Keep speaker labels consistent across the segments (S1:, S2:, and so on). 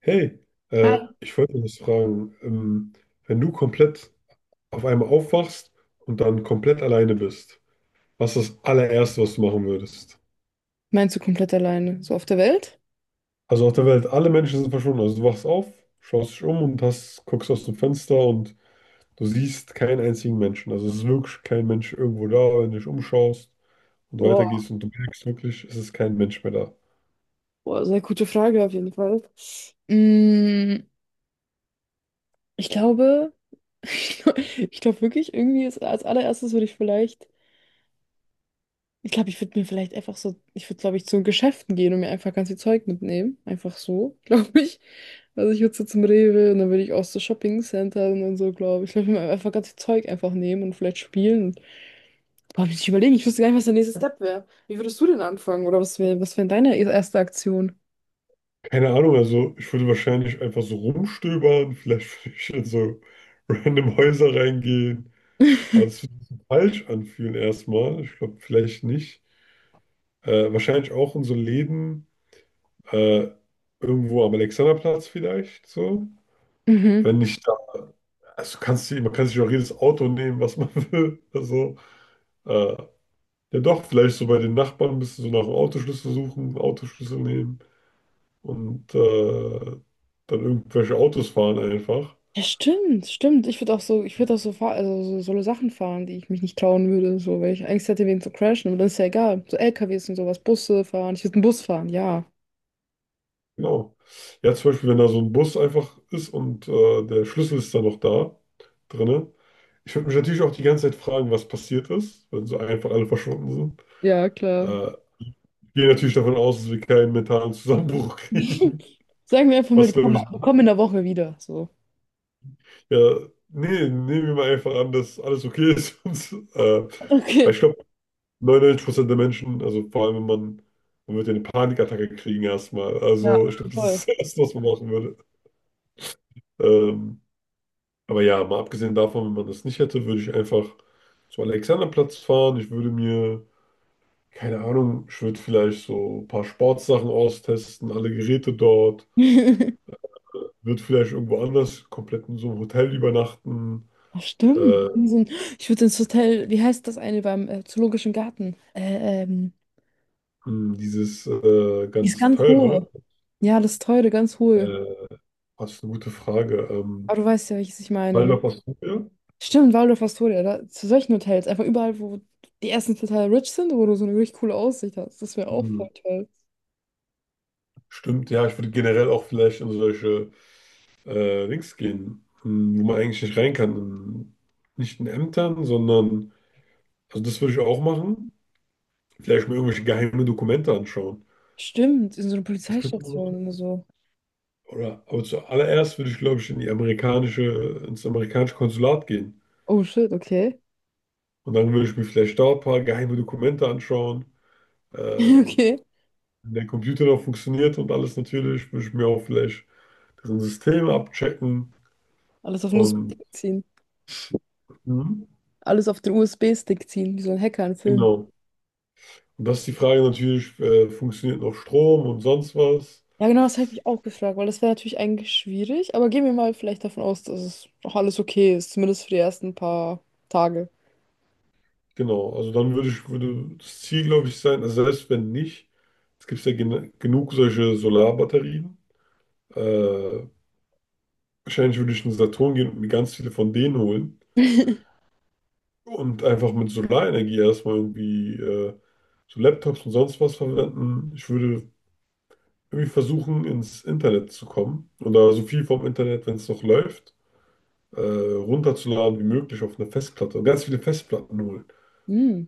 S1: Hey,
S2: Ah.
S1: ich wollte dich fragen, wenn du komplett auf einmal aufwachst und dann komplett alleine bist, was ist das allererste, was du machen würdest?
S2: Meinst du komplett alleine? So auf der Welt?
S1: Also auf der Welt, alle Menschen sind verschwunden. Also du wachst auf, schaust dich um und hast, guckst aus dem Fenster und du siehst keinen einzigen Menschen. Also es ist wirklich kein Mensch irgendwo da, wenn du dich umschaust und
S2: Boah,
S1: weitergehst und du merkst wirklich, es ist kein Mensch mehr da.
S2: boah, sehr gute Frage auf jeden Fall. Mm, Ich glaube, ich glaube wirklich, irgendwie ist, als allererstes würde ich vielleicht, ich glaube, ich würde mir vielleicht einfach so, ich würde, glaube ich, zu Geschäften gehen und mir einfach ganz viel Zeug mitnehmen. Einfach so, glaube ich. Also ich würde so zum Rewe und dann würde ich auch so Shopping-Centern und so, glaube ich. Ich glaube, ich würde mir einfach ganz viel Zeug einfach nehmen und vielleicht spielen. Und, boah, muss ich überlegen, ich wüsste gar nicht, was der nächste Step wäre. Wie würdest du denn anfangen? Oder was wäre deine erste Aktion?
S1: Keine Ahnung, also ich würde wahrscheinlich einfach so rumstöbern, vielleicht würde ich in so random Häuser reingehen, aber das würde sich falsch anfühlen erstmal. Ich glaube, vielleicht nicht. Wahrscheinlich auch in so Läden, äh, irgendwo am Alexanderplatz vielleicht so.
S2: Mhm.
S1: Wenn ich da, man kann sich auch jedes Auto nehmen, was man will. Äh, ja doch, vielleicht so bei den Nachbarn ein bisschen so nach dem Autoschlüssel suchen, Autoschlüssel nehmen und dann irgendwelche Autos fahren einfach.
S2: Ja, stimmt, stimmt. Ich würde auch so, ich würde auch so, fahr also so solo Sachen fahren, die ich mich nicht trauen würde, so, weil ich Angst hätte, wegen zu crashen. Aber das ist ja egal. So LKWs und sowas, Busse fahren. Ich würde einen Bus fahren, ja.
S1: Genau. Ja, zum Beispiel, wenn da so ein Bus einfach ist und der Schlüssel ist dann noch da drinne. Ich würde mich natürlich auch die ganze Zeit fragen, was passiert ist, wenn so einfach alle verschwunden sind.
S2: Ja, klar.
S1: Äh, Ich gehe natürlich davon aus, dass wir keinen mentalen Zusammenbruch kriegen,
S2: Sagen wir einfach mal,
S1: was
S2: die
S1: glaube
S2: kommen,
S1: ich
S2: die kommen in der Woche wieder. So.
S1: Ja, nee, nehmen wir mal einfach an, dass alles okay ist. Äh, Weil
S2: Okay.
S1: ich glaube, 99% der Menschen, also vor allem, wenn man, man wird ja eine Panikattacke kriegen erstmal.
S2: Ja,
S1: Also ich glaube, das
S2: voll.
S1: ist das Erste, was man machen würde. Ähm, aber ja, mal abgesehen davon, wenn man das nicht hätte, würde ich einfach zum Alexanderplatz fahren. Ich würde mir, keine Ahnung, ich würde vielleicht so ein paar Sportsachen austesten, alle Geräte dort. Würde vielleicht irgendwo anders komplett in so einem Hotel übernachten.
S2: Ach, stimmt.
S1: Äh,
S2: Ich würde ins Hotel, wie heißt das eine beim Zoologischen Garten? Äh, ähm,
S1: Dieses
S2: die ist
S1: ganz
S2: ganz hohe.
S1: teure,
S2: Ja, das teure, ganz hohe.
S1: äh, das ist eine gute Frage.
S2: Aber du weißt ja, welches ich meine, ne?
S1: Waldorf Astoria?
S2: Stimmt, Waldorf Astoria, da, zu solchen Hotels, einfach überall, wo die ersten total rich sind, wo du so eine richtig coole Aussicht hast. Das wäre auch voll
S1: Hm,
S2: toll.
S1: stimmt, ja, ich würde generell auch vielleicht in solche Links gehen, hm, wo man eigentlich nicht rein kann. In, nicht in Ämtern, sondern, also das würde ich auch machen. Vielleicht mir irgendwelche geheime Dokumente anschauen.
S2: Stimmt, in so einer
S1: Das könnte man
S2: Polizeistation
S1: machen.
S2: und so.
S1: Aber zuallererst würde ich, glaube ich, ins amerikanische Konsulat gehen.
S2: Oh shit, okay.
S1: Und dann würde ich mir vielleicht da ein paar geheime Dokumente anschauen. Äh,
S2: Okay.
S1: Wenn der Computer noch funktioniert und alles natürlich, würde ich mir auch vielleicht deren System abchecken
S2: Alles auf den
S1: und
S2: USB-Stick ziehen.
S1: mhm.
S2: Alles auf den USB-Stick ziehen, wie so ein Hacker in Film.
S1: Genau. Und das ist die Frage natürlich, funktioniert noch Strom und sonst was?
S2: Ja, genau, das habe ich mich auch gefragt, weil das wäre natürlich eigentlich schwierig, aber gehen wir mal vielleicht davon aus, dass es auch alles okay ist, zumindest für die ersten paar Tage.
S1: Genau, würde das Ziel, glaube ich, sein, also selbst wenn nicht, es gibt ja gen genug solche Solarbatterien. Äh, Wahrscheinlich würde ich in den Saturn gehen und mir ganz viele von denen holen und einfach mit Solarenergie erstmal irgendwie so Laptops und sonst was verwenden. Ich würde irgendwie versuchen, ins Internet zu kommen oder so viel vom Internet, wenn es noch läuft, runterzuladen wie möglich auf eine Festplatte und ganz viele Festplatten holen.
S2: Hm.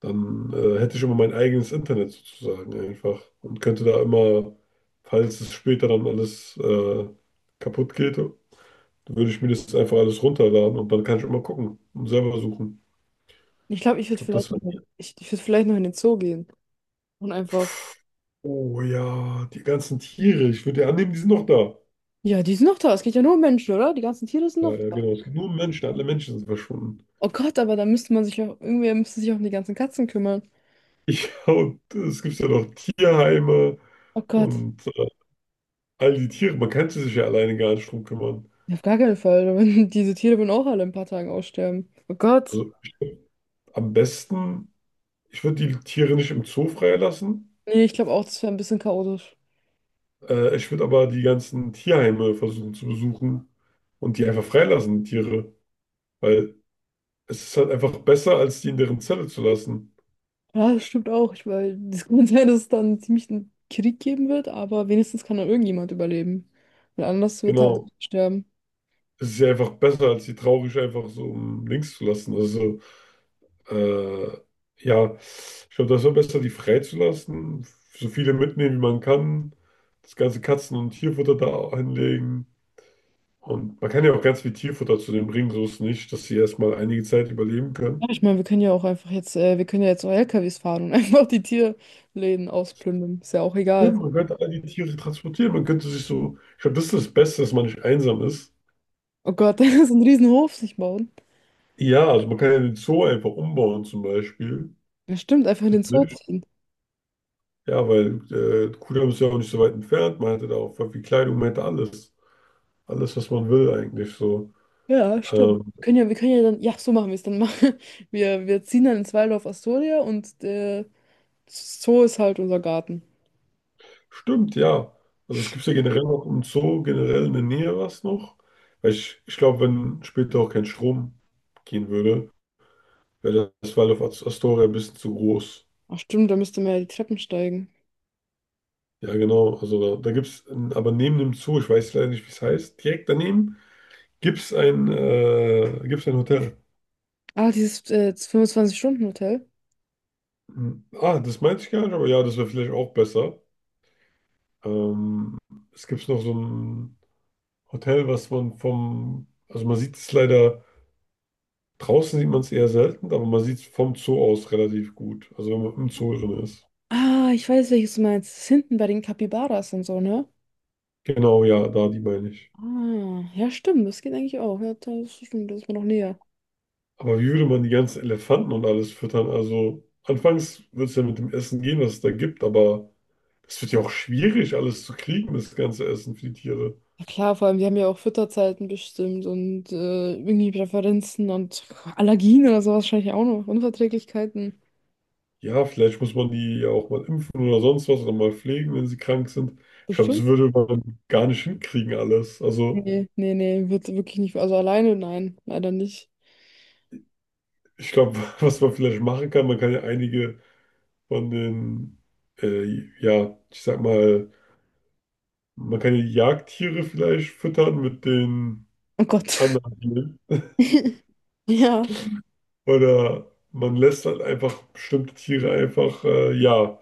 S1: Dann hätte ich immer mein eigenes Internet sozusagen einfach und könnte da immer, falls es später dann alles kaputt geht, würde ich mir das einfach alles runterladen und dann kann ich immer gucken und selber suchen.
S2: Ich glaube, ich
S1: Ich
S2: würde
S1: glaube,
S2: vielleicht
S1: das
S2: noch,
S1: wäre.
S2: ich würd vielleicht noch in den Zoo gehen und einfach.
S1: Oh ja, die ganzen Tiere. Ich würde ja annehmen, die sind noch da.
S2: Ja, die sind noch da. Es geht ja nur um Menschen, oder? Die ganzen Tiere sind
S1: Ja,
S2: noch
S1: ja,
S2: da.
S1: genau. Es gibt nur Menschen. Alle Menschen sind verschwunden.
S2: Oh Gott, aber da müsste man sich auch, irgendwer müsste sich auch um die ganzen Katzen kümmern.
S1: Ja, und es gibt ja noch Tierheime
S2: Oh Gott.
S1: und all die Tiere. Man kann sich ja alleine gar nicht drum kümmern.
S2: Ja, auf gar keinen Fall. Diese Tiere würden auch alle in ein paar Tagen aussterben. Oh Gott.
S1: Also ich, würd Am besten, ich würde die Tiere nicht im Zoo freilassen.
S2: Nee, ich glaube auch, das wäre ein bisschen chaotisch.
S1: Ich würde aber die ganzen Tierheime versuchen zu besuchen und die einfach freilassen, die Tiere. Weil es ist halt einfach besser, als die in deren Zelle zu lassen.
S2: Ja, das stimmt auch. Ich meine, es kann sein, dass es dann ziemlich einen Krieg geben wird, aber wenigstens kann dann irgendjemand überleben. Weil anders wird halt
S1: Genau.
S2: sterben.
S1: Es ist ja einfach besser, als die traurig einfach so um links zu lassen. Äh, ja, ich glaube, das ist am besten, die freizulassen, so viele mitnehmen, wie man kann, das ganze Katzen- und Tierfutter da hinlegen. Und man kann ja auch ganz viel Tierfutter zu denen bringen, so ist es nicht, dass sie erstmal einige Zeit überleben
S2: Ja,
S1: können.
S2: ich meine, wir können ja auch einfach jetzt, wir können ja jetzt auch LKWs fahren und einfach die Tierläden ausplündern. Ist ja auch
S1: Ja,
S2: egal.
S1: man könnte all die Tiere transportieren, man könnte sich so, ich glaube, das ist das Beste, dass man nicht einsam ist.
S2: Oh Gott, da ist ein Riesenhof sich bauen.
S1: Ja, also man kann ja den Zoo einfach umbauen zum Beispiel.
S2: Ja, stimmt, einfach in den Zoo
S1: Nicht?
S2: ziehen.
S1: Ja, weil Kudamm ist ja auch nicht so weit entfernt, man hätte da auch voll viel Kleidung, man hätte alles. Alles, was man will eigentlich so.
S2: Ja, stimmt.
S1: Ähm,
S2: Wir können ja dann, ja, so machen wir es dann machen. Wir ziehen dann ins Waldorf Astoria und der Zoo ist halt unser Garten.
S1: stimmt, ja. Also es gibt ja generell noch im Zoo, generell in der Nähe was noch. Ich glaube, wenn später auch kein Strom gehen würde, wäre das Waldorf Astoria ein bisschen zu groß.
S2: Ach stimmt, da müsste man ja die Treppen steigen.
S1: Ja, genau. Da gibt es, aber neben dem Zoo, ich weiß leider nicht, wie es heißt, direkt daneben gibt es gibt's ein Hotel.
S2: Ah, dieses 25-Stunden-Hotel.
S1: Ah, das meinte ich gar nicht, aber ja, das wäre vielleicht auch besser. Ähm, Es gibt noch so ein Hotel, also man sieht es leider. Draußen sieht man es eher selten, aber man sieht es vom Zoo aus relativ gut. Also wenn man im Zoo drin ist.
S2: Ah, ich weiß, welches du meinst. Das ist hinten bei den Capybaras und so, ne?
S1: Genau, ja, da die meine ich.
S2: Ah, ja, stimmt, das geht eigentlich auch. Ja, das stimmt, das ist mir noch näher.
S1: Aber wie würde man die ganzen Elefanten und alles füttern? Also anfangs wird es ja mit dem Essen gehen, was es da gibt, aber es wird ja auch schwierig, alles zu kriegen, das ganze Essen für die Tiere.
S2: Ja klar, vor allem, wir haben ja auch Fütterzeiten bestimmt und irgendwie Präferenzen und Allergien oder so wahrscheinlich auch noch. Unverträglichkeiten.
S1: Ja, vielleicht muss man die ja auch mal impfen oder sonst was oder mal pflegen, wenn sie krank sind. Ich glaube, das
S2: Bestimmt.
S1: würde man gar nicht hinkriegen alles. Also
S2: Nee, nee, nee, wird wirklich nicht. Also alleine, nein, leider nicht.
S1: ich glaube, was man vielleicht machen kann, man kann ja einige von den, ja, ich sag mal, man kann ja die Jagdtiere vielleicht füttern mit den
S2: Oh Gott.
S1: anderen Tieren.
S2: Ja.
S1: Oder man lässt halt einfach bestimmte Tiere einfach, ja,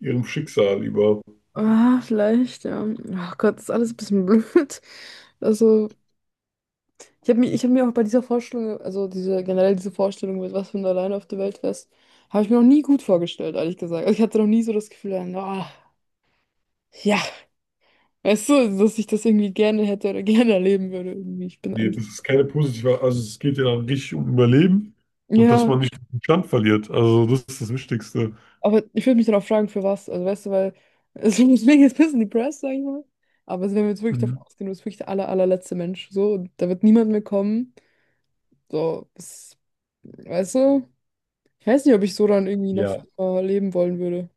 S1: ihrem Schicksal über.
S2: Ah, vielleicht, ja. Ach Gott, ist alles ein bisschen blöd. Also, ich habe mir, ich hab mir auch bei dieser Vorstellung, also diese, generell diese Vorstellung mit, was wenn du alleine auf der Welt wärst, habe ich mir noch nie gut vorgestellt, ehrlich gesagt. Also ich hatte noch nie so das Gefühl, ah, ja, weißt du, dass ich das irgendwie gerne hätte oder gerne erleben würde. Irgendwie. Ich bin
S1: Nee,
S2: eigentlich.
S1: das ist keine positive, also es geht ja dann richtig um Überleben und dass
S2: Ja.
S1: man nicht den Stand verliert. Also das ist das Wichtigste.
S2: Aber ich würde mich dann auch fragen, für was. Also weißt du, weil es deswegen jetzt ein bisschen depressed, sag ich mal. Aber also, wenn wir jetzt wirklich davon
S1: Mhm.
S2: ausgehen, du bist wirklich der aller, allerletzte Mensch, so, und da wird niemand mehr kommen. So, das, weißt du? Ich weiß nicht, ob ich so dann irgendwie noch
S1: Ja.
S2: leben wollen würde.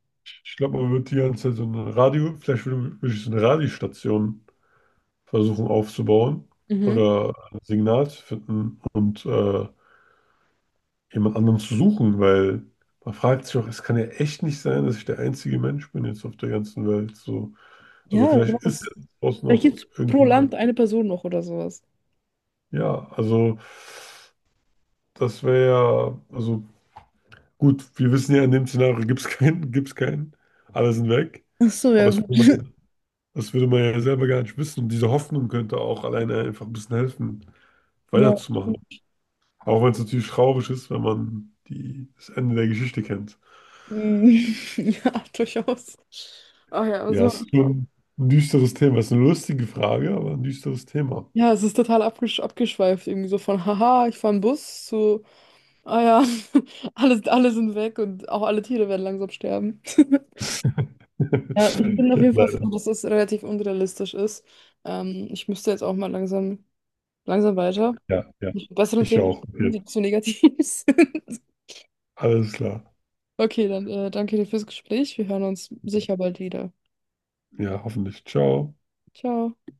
S1: Ich glaube, man wird die ganze Zeit so eine Radio, vielleicht würde, würde ich so eine Radiostation versuchen aufzubauen
S2: Mhm.
S1: oder ein Signal zu finden und jemand anderen zu suchen, weil man fragt sich auch, es kann ja echt nicht sein, dass ich der einzige Mensch bin jetzt auf der ganzen Welt. So. Also
S2: Ja, genau.
S1: vielleicht ist ja draußen
S2: Vielleicht
S1: noch
S2: gibt's pro Land
S1: irgendjemand.
S2: eine Person noch oder sowas.
S1: Ja, also das wäre ja, also gut, wir wissen ja, in dem Szenario gibt es keinen, alle sind weg.
S2: Ach so, ja,
S1: Aber
S2: gut.
S1: das würde man ja selber gar nicht wissen. Und diese Hoffnung könnte auch alleine einfach ein bisschen helfen,
S2: Ja.
S1: weiterzumachen. Auch wenn es natürlich traurig ist, wenn man die, das Ende der Geschichte kennt.
S2: Mm, Ja, durchaus. Ach ja,
S1: Ja,
S2: also,
S1: es ist schon ein düsteres Thema. Es ist eine lustige Frage, aber ein düsteres Thema.
S2: ja, es ist total abgeschweift, irgendwie so von, haha, ich fahre einen Bus zu. Ah ja, alles, alle sind weg und auch alle Tiere werden langsam sterben. Ja, ich bin auf
S1: Ja,
S2: jeden Fall froh,
S1: leider.
S2: dass das relativ unrealistisch ist. Ich müsste jetzt auch mal langsam, langsam weiter.
S1: Ja, ja.
S2: Ich will besseren
S1: Ich
S2: Themen
S1: auch.
S2: besprechen,
S1: Okay.
S2: die zu negativ sind.
S1: Alles klar.
S2: Okay, dann danke dir fürs Gespräch. Wir hören uns sicher bald wieder.
S1: Ja, hoffentlich. Ciao.
S2: Ciao.